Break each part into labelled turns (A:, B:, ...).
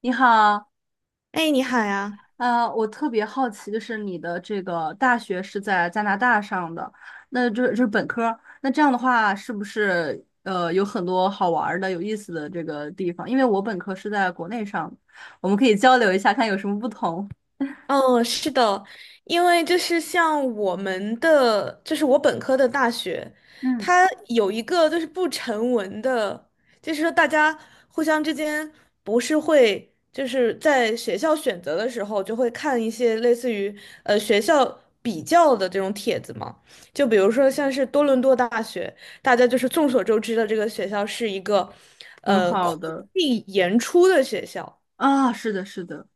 A: 你好，
B: 哎，你好呀。
A: 我特别好奇，就是你的这个大学是在加拿大上的，那这就是本科儿那这样的话是不是有很多好玩儿的、有意思的这个地方？因为我本科是在国内上的，我们可以交流一下，看有什么不同。
B: 哦，是的，因为就是像我们的，就是我本科的大学，
A: 嗯，
B: 它有一个就是不成文的，就是说大家互相之间不是会就是在学校选择的时候就会看一些类似于学校比较的这种帖子嘛，就比如说像是多伦多大学，大家就是众所周知的这个学校是一个
A: 很
B: 空
A: 好的。
B: 地严出的学校。
A: 啊，是的，是的。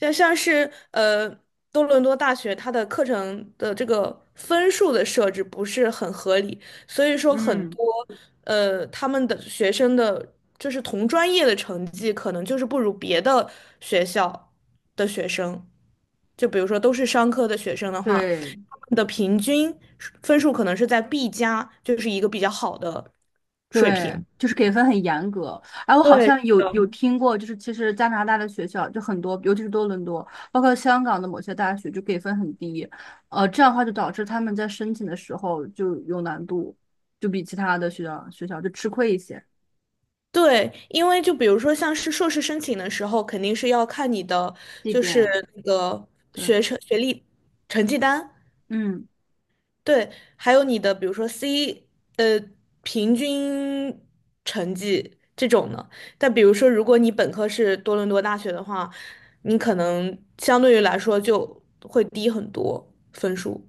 B: 像是多伦多大学它的课程的这个分数的设置不是很合理，所以说很
A: 嗯，
B: 多他们的学生的就是同专业的成绩可能就是不如别的学校的学生，就比如说都是商科的学生的话，
A: 对，
B: 他们的平均分数可能是在 B 加，就是一个比较好的水
A: 对，
B: 平。
A: 就是给分很严格。哎，我好
B: 对，
A: 像有
B: 的。
A: 有听过，就是其实加拿大的学校就很多，尤其是多伦多，包括香港的某些大学就给分很低。这样的话就导致他们在申请的时候就有难度，就比其他的学校就吃亏一些。
B: 对，因为就比如说像是硕士申请的时候，肯定是要看你的
A: 这
B: 就是
A: 点，
B: 那个
A: 对，
B: 学成学历成绩单，
A: 嗯。
B: 对，还有你的比如说 C 呃平均成绩这种的。但比如说如果你本科是多伦多大学的话，你可能相对于来说就会低很多分数。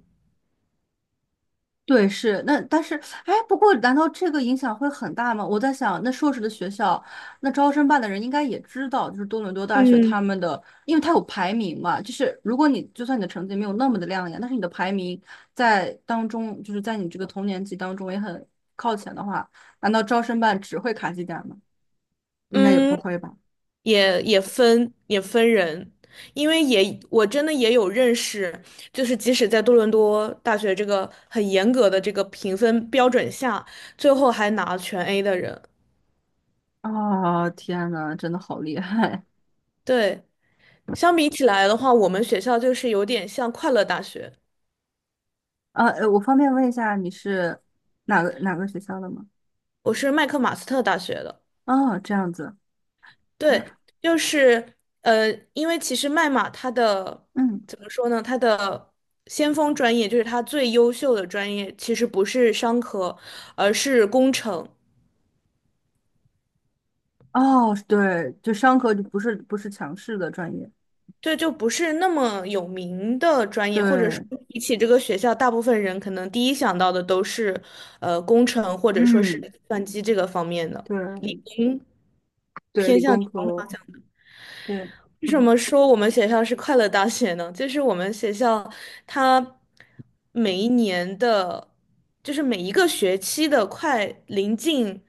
A: 对，是那，但是，哎，不过，难道这个影响会很大吗？我在想，那硕士的学校，那招生办的人应该也知道，就是多伦多大学
B: 嗯
A: 他们的，因为它有排名嘛，就是如果你就算你的成绩没有那么的亮眼，但是你的排名在当中，就是在你这个同年级当中也很靠前的话，难道招生办只会卡绩点吗？应该也不
B: 嗯，
A: 会吧？
B: 也分人，因为也我真的也有认识，就是即使在多伦多大学这个很严格的这个评分标准下，最后还拿全 A 的人。
A: 哦，天呐，真的好厉害！
B: 对，相比起来的话，我们学校就是有点像快乐大学，
A: 啊，我方便问一下你是哪个学校的吗？
B: 我是麦克马斯特大学的。
A: 哦，这样子。
B: 对，就是因为其实麦马它的
A: 嗯。
B: 怎么说呢，它的。先锋专业就是它最优秀的专业，其实不是商科，而是工程。
A: 哦，对，就商科就不是强势的专业。
B: 对，就不是那么有名的专业，或者说
A: 对，
B: 比起这个学校，大部分人可能第一想到的都是，工程或者说是计
A: 嗯，
B: 算机这个方面的，
A: 对对，
B: 偏
A: 理
B: 向理
A: 工
B: 工
A: 科，
B: 方向的。
A: 对。
B: 为什么说我们学校是快乐大学呢？就是我们学校它每一年的，就是每一个学期的快临近，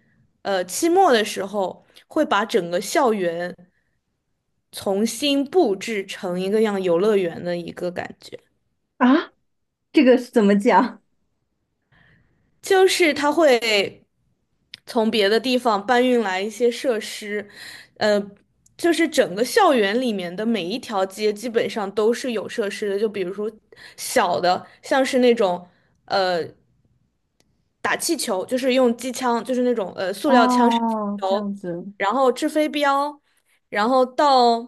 B: 期末的时候，会把整个校园重新布置成一个像游乐园的一个感觉。
A: 啊，这个是怎么讲？
B: 就是他会从别的地方搬运来一些设施，呃，就是整个校园里面的每一条街基本上都是有设施的，就比如说小的，像是那种呃打气球，就是用机枪，就是那种塑料枪射气
A: 哦，这
B: 球，
A: 样子。
B: 然后掷飞镖，然后到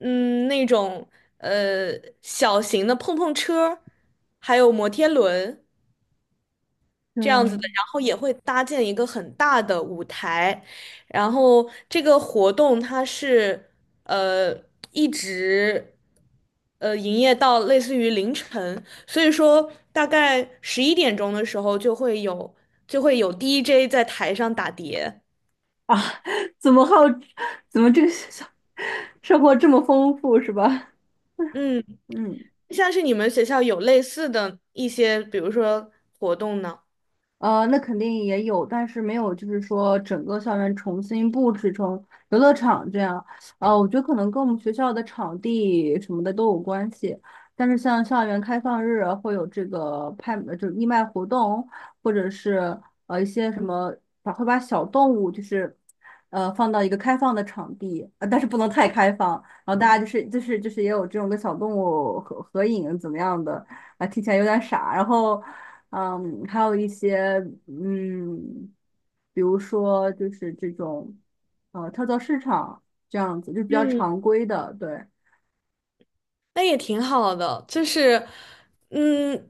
B: 嗯那种呃小型的碰碰车，还有摩天轮。
A: 对。
B: 这样子的，然后也会搭建一个很大的舞台，然后这个活动它是呃一直营业到类似于凌晨，所以说大概十一点钟的时候就会有 DJ 在台上打碟，
A: 啊？怎么好？怎么这个 学校生活这么丰富是吧？
B: 嗯，
A: 嗯。
B: 像是你们学校有类似的一些，比如说活动呢？
A: 那肯定也有，但是没有，就是说整个校园重新布置成游乐场这样。我觉得可能跟我们学校的场地什么的都有关系。但是像校园开放日啊会有这个拍，就是义卖活动，或者是一些什么，把会把小动物就是放到一个开放的场地。但是不能太开放。然后大家就是也有这种跟小动物合影怎么样的。啊，听起来有点傻。然后嗯，还有一些。嗯，比如说就是这种跳蚤市场这样子，就比较
B: 嗯，
A: 常规的。对，
B: 那也挺好的，就是，嗯，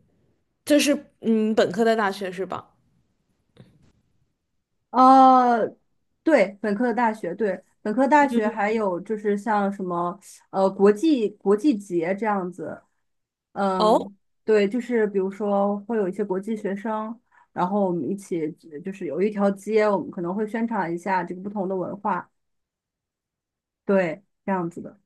B: 就是嗯，本科的大学是吧？
A: 呃，对，本科的大学，对，本科大学还有就是像什么国际节这样子。
B: 哦，
A: 嗯，对，就是比如说会有一些国际学生，然后我们一起就是有一条街，我们可能会宣传一下这个不同的文化，对，这样子的。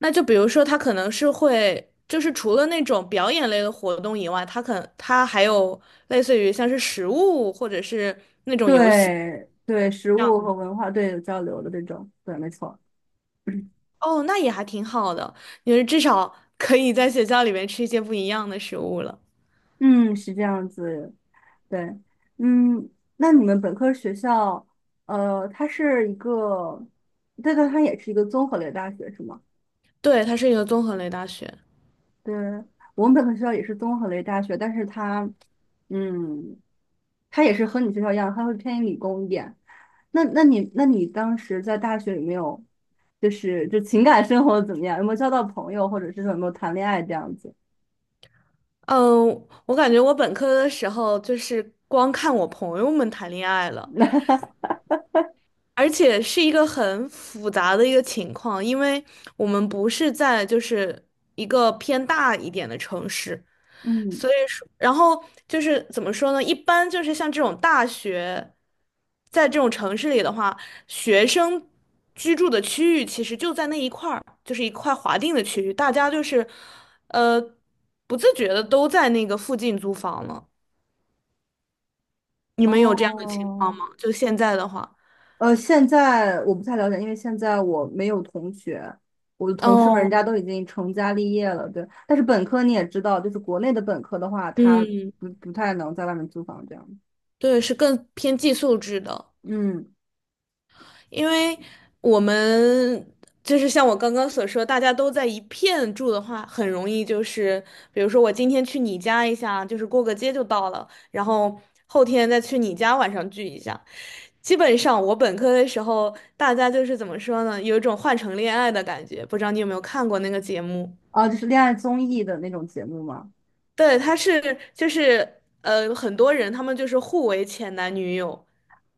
B: 那就比如说，他可能是会，就是除了那种表演类的活动以外，他还有类似于像是食物或者是那种游戏
A: 对对，食
B: 这样
A: 物
B: 子。
A: 和文化对有交流的这种，对，没错。
B: 哦，那也还挺好的，因为至少 可以在学校里面吃一些不一样的食物了。
A: 嗯，是这样子，对。嗯，那你们本科学校，它是一个，对对，它也是一个综合类大学是吗？
B: 对，它是一个综合类大学。
A: 对，我们本科学校也是综合类大学，但是它，嗯，它也是和你学校一样，它会偏理工一点。那你当时在大学有没有，就是就情感生活怎么样？有没有交到朋友，或者是说有没有谈恋爱这样子？
B: 嗯，我感觉我本科的时候就是光看我朋友们谈恋爱了，而且是一个很复杂的一个情况，因为我们不是在就是一个偏大一点的城市，
A: 嗯，
B: 所以说，然后就是怎么说呢？一般就是像这种大学，在这种城市里的话，学生居住的区域其实就在那一块儿，就是一块划定的区域，大家就是呃不自觉的都在那个附近租房了。你们有这样的情况
A: 哦，
B: 吗？就现在的话，
A: 现在我不太了解，因为现在我没有同学，我的同事们人
B: 哦，
A: 家都已经成家立业了，对。但是本科你也知道，就是国内的本科的话，他
B: 嗯。
A: 不太能在外面租房这样。
B: 对，是更偏寄宿制的，
A: 嗯，
B: 因为我们就是像我刚刚所说，大家都在一片住的话，很容易就是，比如说我今天去你家一下，就是过个街就到了，然后后天再去你家晚上聚一下。基本上我本科的时候，大家就是怎么说呢，有一种换乘恋爱的感觉，不知道你有没有看过那个节目？
A: 哦，就是恋爱综艺的那种节目吗？
B: 对，他是就是很多人他们就是互为前男女友，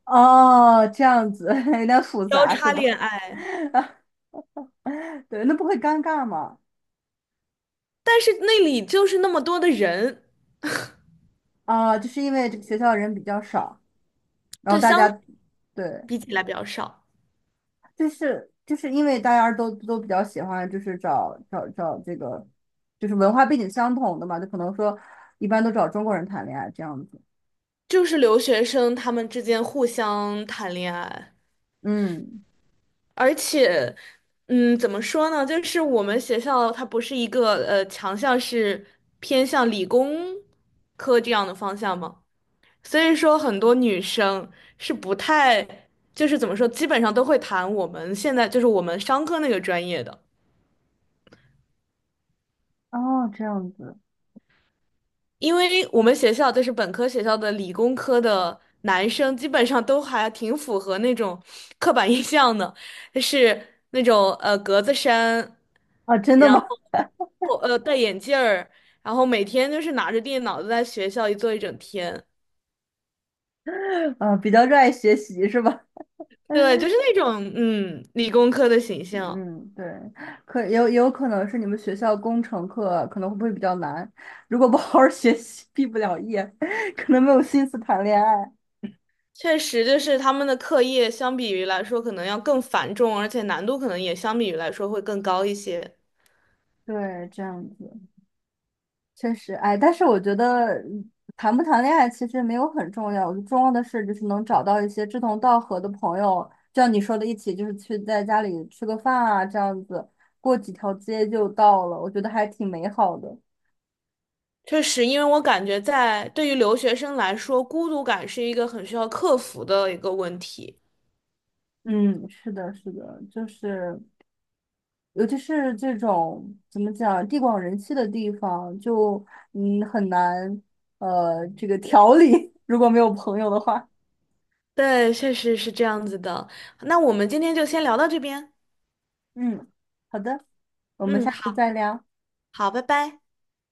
A: 哦，这样子。 有点复
B: 交
A: 杂是
B: 叉
A: 吧？
B: 恋爱。
A: 对，那不会尴尬吗？
B: 但是那里就是那么多的人，
A: 啊，就是因为这个学校人比较少，然后
B: 对，
A: 大
B: 相
A: 家。对。
B: 比起来比较少，
A: 就是因为大家都比较喜欢，就是找这个，就是文化背景相同的嘛，就可能说一般都找中国人谈恋爱这样子。
B: 就是留学生他们之间互相谈恋爱，
A: 嗯，
B: 而且，嗯，怎么说呢？就是我们学校它不是一个强项是偏向理工科这样的方向嘛，所以说很多女生是不太，就是怎么说，基本上都会谈我们现在就是我们商科那个专业的。
A: 哦，这样子。
B: 因为我们学校就是本科学校的理工科的男生，基本上都还挺符合那种刻板印象的，就是那种格子衫，
A: 啊，真的
B: 然
A: 吗？
B: 后戴眼镜儿，然后每天就是拿着电脑在学校一坐一整天。
A: 啊，比较热爱学习是吧？
B: 对，就是那种嗯理工科的形象，
A: 嗯，对，可可能是你们学校工程课可能会不会比较难？如果不好好学习，毕不了业，可能没有心思谈恋爱。
B: 确实就是他们的课业相比于来说可能要更繁重，而且难度可能也相比于来说会更高一些。
A: 对，这样子。确实，哎，但是我觉得谈不谈恋爱其实没有很重要，我觉得重要的是就是能找到一些志同道合的朋友，就像你说的，一起就是去在家里吃个饭啊，这样子过几条街就到了，我觉得还挺美好的。
B: 确实，因为我感觉在对于留学生来说，孤独感是一个很需要克服的一个问题。
A: 嗯，是的，是的，就是尤其是这种怎么讲，地广人稀的地方，就嗯很难这个调理。如果没有朋友的话。
B: 对，确实是这样子的。那我们今天就先聊到这边。
A: 嗯，好的，我们
B: 嗯，
A: 下次
B: 好，
A: 再聊。
B: 好，拜拜。